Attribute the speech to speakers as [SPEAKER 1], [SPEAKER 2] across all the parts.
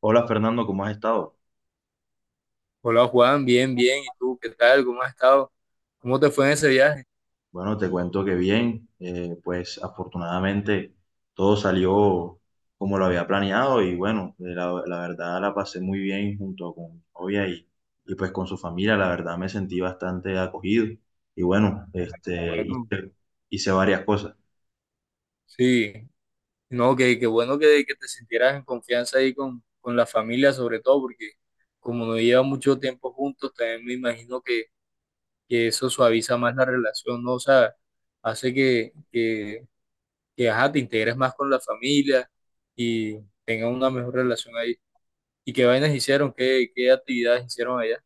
[SPEAKER 1] Hola Fernando, ¿cómo has estado?
[SPEAKER 2] Hola Juan, bien, bien. ¿Y tú qué tal? ¿Cómo has estado? ¿Cómo te fue en ese viaje?
[SPEAKER 1] Bueno, te cuento que bien, pues afortunadamente todo salió como lo había planeado y bueno, la verdad la pasé muy bien junto con mi novia y pues con su familia, la verdad me sentí bastante acogido y bueno,
[SPEAKER 2] Bueno,
[SPEAKER 1] hice varias cosas.
[SPEAKER 2] sí. No, que, qué bueno que te sintieras en confianza ahí con la familia, sobre todo, porque como no lleva mucho tiempo juntos, también me imagino que eso suaviza más la relación, ¿no? O sea, hace que ajá, te integres más con la familia y tengas una mejor relación ahí. ¿Y qué vainas hicieron? ¿Qué actividades hicieron allá?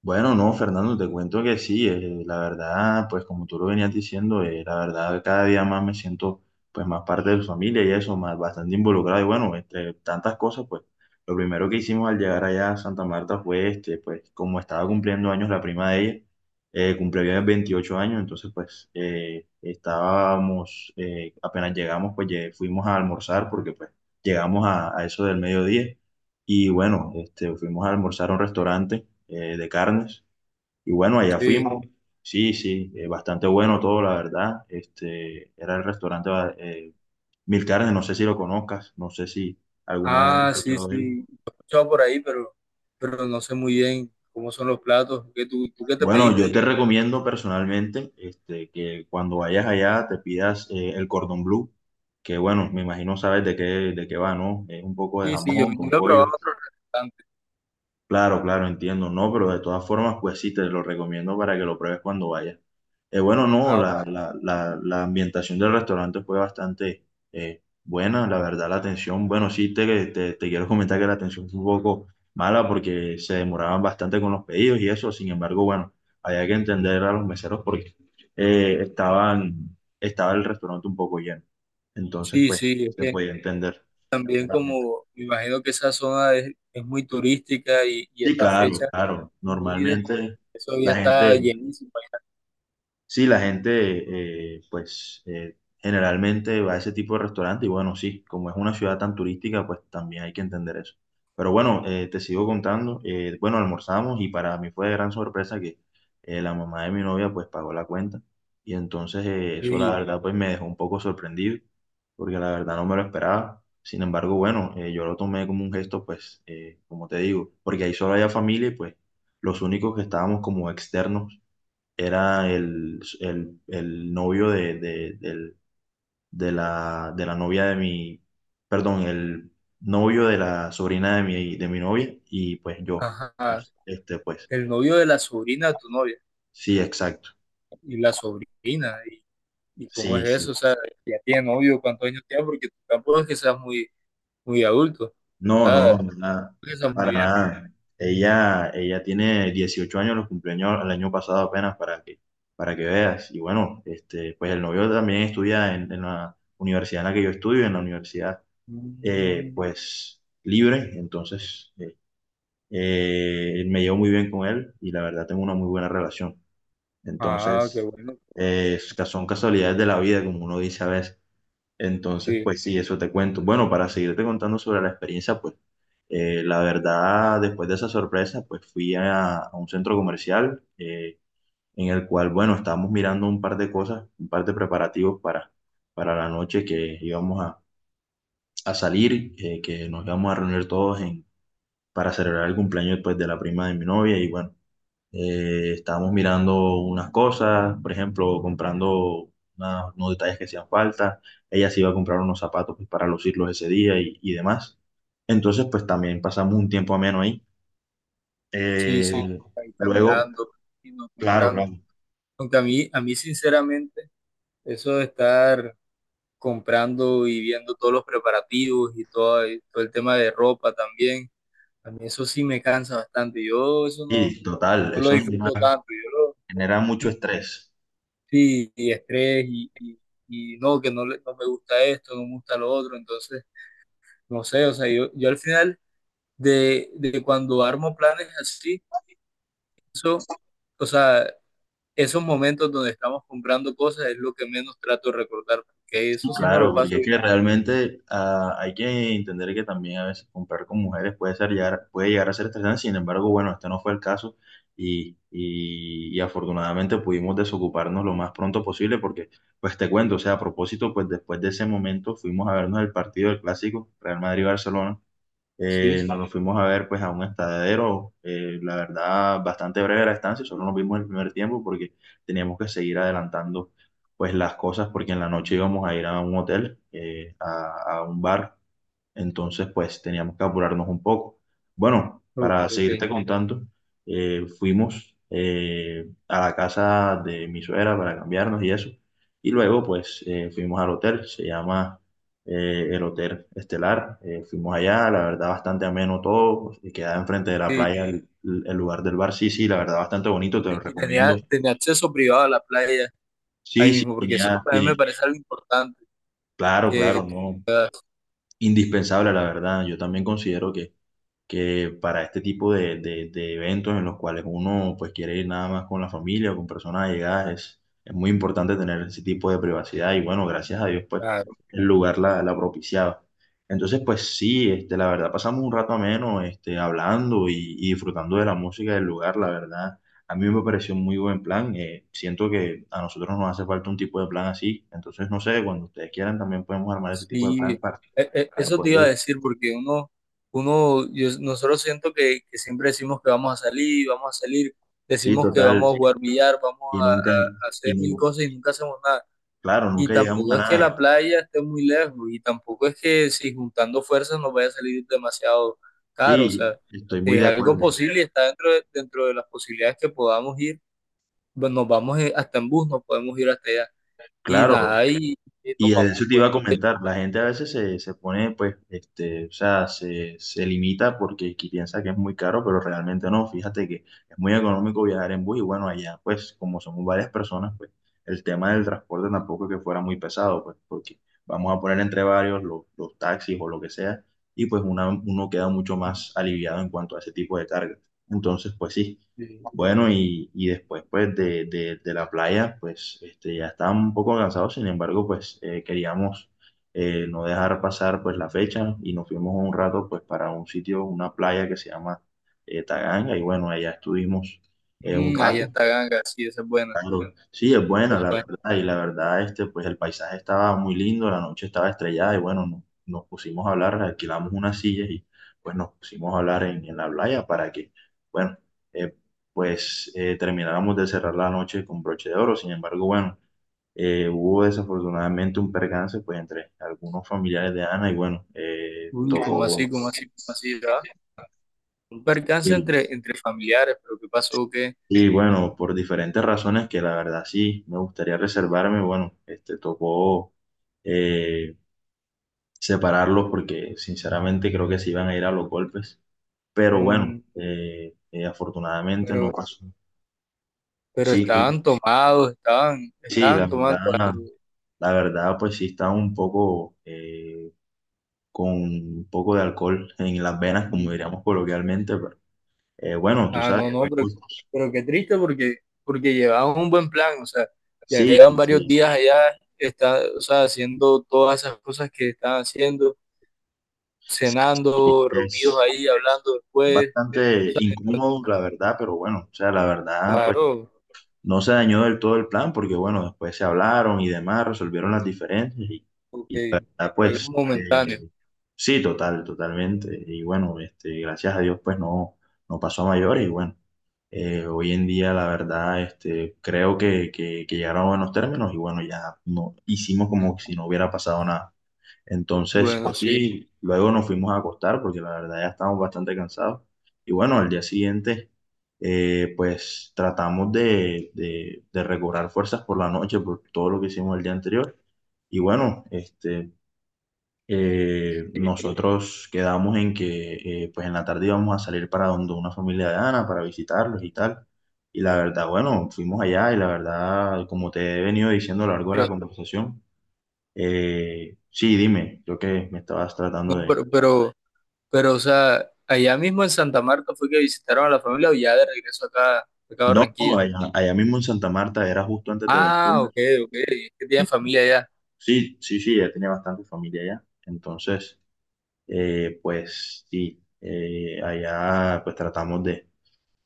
[SPEAKER 1] Bueno, no, Fernando, te cuento que sí, la verdad, pues como tú lo venías diciendo, la verdad cada día más me siento pues más parte de su familia y eso, más bastante involucrado. Y bueno, entre tantas cosas, pues lo primero que hicimos al llegar allá a Santa Marta fue este, pues como estaba cumpliendo años la prima de ella, cumplió ya 28 años, entonces apenas llegamos, fuimos a almorzar porque pues a eso del mediodía. Y bueno, este, fuimos a almorzar a un restaurante de carnes. Y bueno, allá
[SPEAKER 2] Sí.
[SPEAKER 1] fuimos. Sí, sí, bastante bueno todo, la verdad. Este, era el restaurante eh, Mil Carnes, no sé si lo conozcas, no sé si alguna vez has
[SPEAKER 2] Ah, sí,
[SPEAKER 1] escuchado de él.
[SPEAKER 2] sí. Lo he escuchado por ahí, pero no sé muy bien cómo son los platos. ¿Qué, tú qué te
[SPEAKER 1] Bueno, yo
[SPEAKER 2] pediste?
[SPEAKER 1] te recomiendo personalmente este, que cuando vayas allá te pidas el cordón blue, que bueno, me imagino sabes de qué va, ¿no? Es un poco de
[SPEAKER 2] Sí, sí, yo
[SPEAKER 1] jamón con
[SPEAKER 2] lo he probado
[SPEAKER 1] pollo.
[SPEAKER 2] en otros restaurantes.
[SPEAKER 1] Claro, claro, entiendo, no, pero de todas formas, pues sí, te lo recomiendo para que lo pruebes cuando vayas. Bueno, no,
[SPEAKER 2] Ahora.
[SPEAKER 1] la ambientación del restaurante fue bastante buena, la verdad, la atención, bueno, sí, te quiero comentar que la atención fue un poco mala porque se demoraban bastante con los pedidos y eso, sin embargo, bueno, había que entender a los meseros porque eh, estaban, estaba el restaurante un poco lleno, entonces,
[SPEAKER 2] Sí,
[SPEAKER 1] pues,
[SPEAKER 2] sí, es
[SPEAKER 1] se
[SPEAKER 2] que
[SPEAKER 1] podía entender.
[SPEAKER 2] también como me imagino que esa zona es muy turística y
[SPEAKER 1] Sí,
[SPEAKER 2] esta
[SPEAKER 1] claro,
[SPEAKER 2] fecha
[SPEAKER 1] claro,
[SPEAKER 2] de vida,
[SPEAKER 1] normalmente
[SPEAKER 2] eso ya
[SPEAKER 1] la
[SPEAKER 2] está
[SPEAKER 1] gente...
[SPEAKER 2] llenísimo.
[SPEAKER 1] Sí, la gente, generalmente va a ese tipo de restaurante y bueno, sí, como es una ciudad tan turística, pues también hay que entender eso. Pero bueno, te sigo contando. Bueno, almorzamos y para mí fue de gran sorpresa que la mamá de mi novia, pues, pagó la cuenta. Y entonces eso, la
[SPEAKER 2] Sí,
[SPEAKER 1] verdad, pues, me dejó un poco sorprendido, porque la verdad no me lo esperaba. Sin embargo, bueno, yo lo tomé como un gesto, pues, como te digo, porque ahí solo había familia y pues los únicos que estábamos como externos era el novio de de la novia de mi, perdón, el novio de la sobrina de mi novia y pues yo,
[SPEAKER 2] ajá.
[SPEAKER 1] este pues,
[SPEAKER 2] El novio de la sobrina de tu novia
[SPEAKER 1] sí, exacto,
[SPEAKER 2] y la sobrina. Y cómo es
[SPEAKER 1] sí, sí.
[SPEAKER 2] eso? O sea, ya tiene novio, ¿cuántos años tiene? Porque tampoco es que seas muy, muy adulto, o
[SPEAKER 1] No, no,
[SPEAKER 2] sea.
[SPEAKER 1] no, nada,
[SPEAKER 2] Esa muy
[SPEAKER 1] para
[SPEAKER 2] bien.
[SPEAKER 1] nada. Ella tiene 18 años, los cumpleaños el año pasado apenas para que veas. Y bueno, este, pues el novio también estudia en la universidad en la que yo estudio, en la universidad
[SPEAKER 2] Mm.
[SPEAKER 1] pues libre, entonces me llevo muy bien con él y la verdad tengo una muy buena relación.
[SPEAKER 2] Ah, qué
[SPEAKER 1] Entonces,
[SPEAKER 2] bueno.
[SPEAKER 1] es que son casualidades de la vida, como uno dice a veces. Entonces,
[SPEAKER 2] Sí,
[SPEAKER 1] pues sí, eso te cuento. Bueno, para seguirte contando sobre la experiencia, pues la verdad, después de esa sorpresa, pues fui a un centro comercial en el cual, bueno, estábamos mirando un par de cosas, un par de preparativos para la noche que íbamos a salir, que nos íbamos a reunir todos en para celebrar el cumpleaños pues, de la prima de mi novia y bueno, estábamos mirando unas cosas, por ejemplo, comprando unos detalles que hacían falta, ella se iba a comprar unos zapatos pues, para lucirlos ese día y demás. Entonces, pues también pasamos un tiempo ameno ahí.
[SPEAKER 2] sí,
[SPEAKER 1] Eh,
[SPEAKER 2] sí. Ahí
[SPEAKER 1] Luego,
[SPEAKER 2] caminando, yendo,
[SPEAKER 1] claro,
[SPEAKER 2] comprando.
[SPEAKER 1] claro.
[SPEAKER 2] Aunque a mí sinceramente, eso de estar comprando y viendo todos los preparativos y todo el tema de ropa también, a mí eso sí me cansa bastante. Yo eso no,
[SPEAKER 1] Y total,
[SPEAKER 2] no lo
[SPEAKER 1] eso
[SPEAKER 2] disfruto
[SPEAKER 1] genera
[SPEAKER 2] tanto. Yo
[SPEAKER 1] genera
[SPEAKER 2] lo,
[SPEAKER 1] mucho
[SPEAKER 2] mm,
[SPEAKER 1] estrés.
[SPEAKER 2] sí, y estrés y no, que no, no me gusta esto, no me gusta lo otro. Entonces, no sé, o sea, yo al final de cuando armo planes así, eso, o sea, esos momentos donde estamos comprando cosas es lo que menos trato de recordar, porque eso sí no lo
[SPEAKER 1] Claro, porque
[SPEAKER 2] paso
[SPEAKER 1] es
[SPEAKER 2] bien.
[SPEAKER 1] que realmente ah, hay que entender que también a veces comprar con mujeres puede ser llegar, puede llegar a ser estresante, sin embargo, bueno, este no fue el caso y y afortunadamente pudimos desocuparnos lo más pronto posible porque, pues te cuento, o sea, a propósito, pues después de ese momento fuimos a vernos el partido del clásico Real Madrid-Barcelona
[SPEAKER 2] Sí,
[SPEAKER 1] nos fuimos a ver pues a un estadero, la verdad bastante breve la estancia, solo nos vimos el primer tiempo porque teníamos que seguir adelantando pues las cosas porque en la noche íbamos a ir a un hotel, eh, a un bar entonces, pues teníamos que apurarnos un poco. Bueno,
[SPEAKER 2] ok,
[SPEAKER 1] para
[SPEAKER 2] ok.
[SPEAKER 1] seguirte contando, fuimos a la casa de mi suegra para cambiarnos y eso. Y luego, pues fuimos al hotel, se llama el Hotel Estelar. Fuimos allá, la verdad, bastante ameno todo. Pues, y quedaba enfrente de la
[SPEAKER 2] Sí,
[SPEAKER 1] playa el lugar del bar. Sí, sí, la verdad, bastante bonito,
[SPEAKER 2] y
[SPEAKER 1] te lo
[SPEAKER 2] te- y
[SPEAKER 1] recomiendo.
[SPEAKER 2] tenía, tenía acceso privado a la playa ahí
[SPEAKER 1] Sí, sí,
[SPEAKER 2] mismo, porque eso
[SPEAKER 1] tenía,
[SPEAKER 2] también me
[SPEAKER 1] tiene-
[SPEAKER 2] parece algo importante,
[SPEAKER 1] claro, claro,
[SPEAKER 2] que...
[SPEAKER 1] no, indispensable, la verdad. Yo también considero que para este tipo de de eventos en los cuales uno pues quiere ir nada más con la familia o con personas allegadas, es muy importante tener ese tipo de privacidad y bueno, gracias a Dios pues
[SPEAKER 2] Claro.
[SPEAKER 1] el lugar la propiciaba. Entonces pues sí, este, la verdad pasamos un rato ameno este, hablando y disfrutando de la música del lugar, la verdad. A mí me pareció un muy buen plan. Siento que a nosotros nos hace falta un tipo de plan así. Entonces, no sé, cuando ustedes quieran también podemos armar este tipo de
[SPEAKER 2] Sí,
[SPEAKER 1] plan para
[SPEAKER 2] eso te
[SPEAKER 1] poder
[SPEAKER 2] iba a
[SPEAKER 1] ir.
[SPEAKER 2] decir, porque uno, uno, nosotros siento que siempre decimos que vamos a salir,
[SPEAKER 1] Sí,
[SPEAKER 2] decimos que vamos a,
[SPEAKER 1] total.
[SPEAKER 2] sí, jugar billar, vamos
[SPEAKER 1] Y
[SPEAKER 2] a,
[SPEAKER 1] nunca, y,
[SPEAKER 2] a hacer mil cosas y nunca hacemos nada.
[SPEAKER 1] claro,
[SPEAKER 2] Y
[SPEAKER 1] nunca llegamos a
[SPEAKER 2] tampoco es que
[SPEAKER 1] nada.
[SPEAKER 2] la playa esté muy lejos, y tampoco es que si juntando fuerzas nos vaya a salir demasiado caro, o
[SPEAKER 1] Sí,
[SPEAKER 2] sea,
[SPEAKER 1] estoy
[SPEAKER 2] si
[SPEAKER 1] muy
[SPEAKER 2] es
[SPEAKER 1] de
[SPEAKER 2] algo
[SPEAKER 1] acuerdo.
[SPEAKER 2] posible y está dentro de las posibilidades que podamos ir, bueno, nos vamos hasta en bus, nos podemos ir hasta allá, y
[SPEAKER 1] Claro,
[SPEAKER 2] nada, y
[SPEAKER 1] y
[SPEAKER 2] nos
[SPEAKER 1] de
[SPEAKER 2] vamos,
[SPEAKER 1] eso te iba
[SPEAKER 2] bueno,
[SPEAKER 1] a comentar. La gente a veces se pone, pues, este, o sea, se limita porque piensa que es muy caro, pero realmente no. Fíjate que es muy económico viajar en bus y bueno, allá, pues, como somos varias personas, pues, el tema del transporte tampoco es que fuera muy pesado, pues, porque vamos a poner entre varios los taxis o lo que sea, y pues uno queda mucho más aliviado en cuanto a ese tipo de carga. Entonces, pues sí.
[SPEAKER 2] sí.
[SPEAKER 1] Bueno, y después pues de la playa, pues este, ya estábamos un poco cansados, sin embargo, pues queríamos no dejar pasar pues la fecha y nos fuimos un rato pues para un sitio, una playa que se llama Taganga y bueno, allá estuvimos un
[SPEAKER 2] Mm, allá
[SPEAKER 1] rato.
[SPEAKER 2] está ganga sí, esa es buena,
[SPEAKER 1] Claro, sí, es
[SPEAKER 2] esa
[SPEAKER 1] buena,
[SPEAKER 2] es
[SPEAKER 1] la
[SPEAKER 2] buena.
[SPEAKER 1] verdad, y la verdad, este, pues el paisaje estaba muy lindo, la noche estaba estrellada, y bueno, nos pusimos a hablar, alquilamos unas sillas y pues nos pusimos a hablar en la playa para que, bueno, eh, termináramos de cerrar la noche con broche de oro, sin embargo, bueno, hubo desafortunadamente un percance, pues entre algunos familiares de Ana, y bueno,
[SPEAKER 2] Uy, ¿cómo así,
[SPEAKER 1] tocó,
[SPEAKER 2] cómo así, cómo así, ya? Un percance entre, entre familiares, pero ¿qué pasó? ¿Qué?
[SPEAKER 1] y bueno, por diferentes razones que la verdad sí me gustaría reservarme, bueno, este tocó eh, separarlos porque sinceramente creo que se iban a ir a los golpes. Pero bueno,
[SPEAKER 2] Mm,
[SPEAKER 1] afortunadamente no
[SPEAKER 2] pero,
[SPEAKER 1] pasó.
[SPEAKER 2] pero
[SPEAKER 1] Sí, pues,
[SPEAKER 2] estaban tomados, estaban,
[SPEAKER 1] sí,
[SPEAKER 2] estaban tomando algo.
[SPEAKER 1] la verdad, pues sí estaba un poco con un poco de alcohol en las venas, como
[SPEAKER 2] Mm.
[SPEAKER 1] diríamos coloquialmente, pero bueno, tú
[SPEAKER 2] Ah,
[SPEAKER 1] sabes.
[SPEAKER 2] no, no, bueno,
[SPEAKER 1] Pues,
[SPEAKER 2] pero qué triste porque, porque llevaban un buen plan, o sea, ya
[SPEAKER 1] sí,
[SPEAKER 2] llevan varios
[SPEAKER 1] sí,
[SPEAKER 2] días allá, está, o sea, haciendo todas esas cosas que están haciendo,
[SPEAKER 1] sí,
[SPEAKER 2] cenando, reunidos
[SPEAKER 1] es,
[SPEAKER 2] ahí, hablando después, o
[SPEAKER 1] bastante
[SPEAKER 2] sea,
[SPEAKER 1] incómodo, la verdad, pero bueno, o sea, la verdad, pues
[SPEAKER 2] claro,
[SPEAKER 1] no se dañó del todo el plan porque, bueno, después se hablaron y demás, resolvieron las diferencias y la
[SPEAKER 2] porque
[SPEAKER 1] verdad,
[SPEAKER 2] algo
[SPEAKER 1] pues,
[SPEAKER 2] momentáneo.
[SPEAKER 1] sí, total, totalmente. Y bueno, este, gracias a Dios, pues no, no pasó a mayores y bueno, hoy en día, la verdad, este, creo que llegaron a buenos términos y bueno, ya no, hicimos como si no hubiera pasado nada. Entonces,
[SPEAKER 2] Bueno,
[SPEAKER 1] pues
[SPEAKER 2] sí,
[SPEAKER 1] sí, luego nos fuimos a acostar porque la verdad ya estábamos bastante cansados. Y bueno, al día siguiente pues tratamos de recobrar fuerzas por la noche, por todo lo que hicimos el día anterior. Y bueno, este, nosotros quedamos en que pues en la tarde íbamos a salir para donde una familia de Ana, para visitarlos y tal. Y la verdad, bueno, fuimos allá y la verdad, como te he venido diciendo a lo largo de la
[SPEAKER 2] pero,
[SPEAKER 1] conversación, sí, dime, creo que me estabas
[SPEAKER 2] no,
[SPEAKER 1] tratando de...
[SPEAKER 2] pero, o sea, allá mismo en Santa Marta fue que visitaron a la familia o ya de regreso acá, acá a
[SPEAKER 1] No, no,
[SPEAKER 2] Barranquilla.
[SPEAKER 1] allá, allá mismo en Santa Marta, era justo antes de
[SPEAKER 2] Ah,
[SPEAKER 1] venir.
[SPEAKER 2] ok, ok, es que tienen familia
[SPEAKER 1] Sí, sí, sí, ella tiene bastante familia allá. Entonces, pues sí, allá pues tratamos de,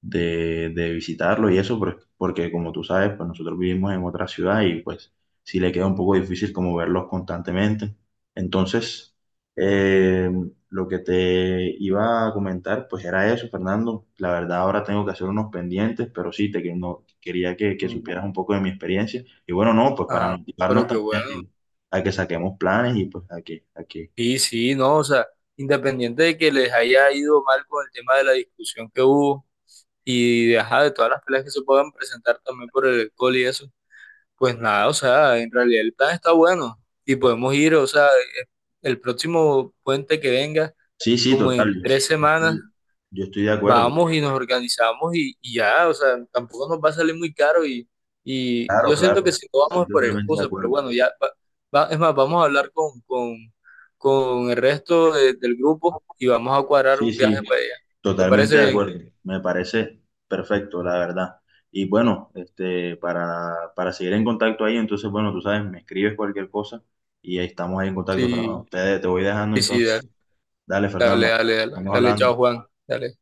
[SPEAKER 1] de, de visitarlo y eso, porque como tú sabes, pues nosotros vivimos en otra ciudad y pues sí le queda un poco difícil como verlos constantemente. Entonces, eh, lo que te iba a comentar, pues era eso, Fernando. La verdad, ahora tengo que hacer unos pendientes, pero sí, te que- no- quería que
[SPEAKER 2] allá.
[SPEAKER 1] supieras un poco de mi experiencia. Y bueno, no, pues para
[SPEAKER 2] Ah,
[SPEAKER 1] motivarnos
[SPEAKER 2] pero qué
[SPEAKER 1] también
[SPEAKER 2] bueno.
[SPEAKER 1] a que saquemos planes y pues a que...
[SPEAKER 2] Sí, sí, no, o sea, independiente de que les haya ido mal con el tema de la discusión que hubo y de, ajá, de todas las peleas que se puedan presentar también por el alcohol y eso, pues nada, o sea, en realidad el plan está bueno y podemos ir, o sea, el próximo puente que venga,
[SPEAKER 1] Sí, sí,
[SPEAKER 2] como
[SPEAKER 1] total.
[SPEAKER 2] en tres
[SPEAKER 1] Yo
[SPEAKER 2] semanas,
[SPEAKER 1] estoy yo estoy de acuerdo.
[SPEAKER 2] vamos y nos organizamos y ya, o sea, tampoco nos va a salir muy caro y
[SPEAKER 1] Claro,
[SPEAKER 2] yo siento que
[SPEAKER 1] claro.
[SPEAKER 2] si no
[SPEAKER 1] Estoy
[SPEAKER 2] vamos es por
[SPEAKER 1] totalmente de
[SPEAKER 2] excusa, pero
[SPEAKER 1] acuerdo.
[SPEAKER 2] bueno, ya, es más, vamos a hablar con el resto del grupo y vamos a cuadrar
[SPEAKER 1] Sí,
[SPEAKER 2] un viaje
[SPEAKER 1] sí,
[SPEAKER 2] para allá. ¿Te
[SPEAKER 1] totalmente
[SPEAKER 2] parece
[SPEAKER 1] de
[SPEAKER 2] bien?
[SPEAKER 1] acuerdo. Me parece perfecto, la verdad. Y bueno, este, para seguir en contacto ahí, entonces, bueno, tú sabes, me escribes cualquier cosa y ahí estamos ahí en contacto,
[SPEAKER 2] Sí,
[SPEAKER 1] Fernando. Te voy dejando
[SPEAKER 2] sí, sí, dale,
[SPEAKER 1] entonces. Dale,
[SPEAKER 2] dale,
[SPEAKER 1] Fernando,
[SPEAKER 2] dale, dale,
[SPEAKER 1] vamos
[SPEAKER 2] dale, chao
[SPEAKER 1] hablando.
[SPEAKER 2] Juan, dale.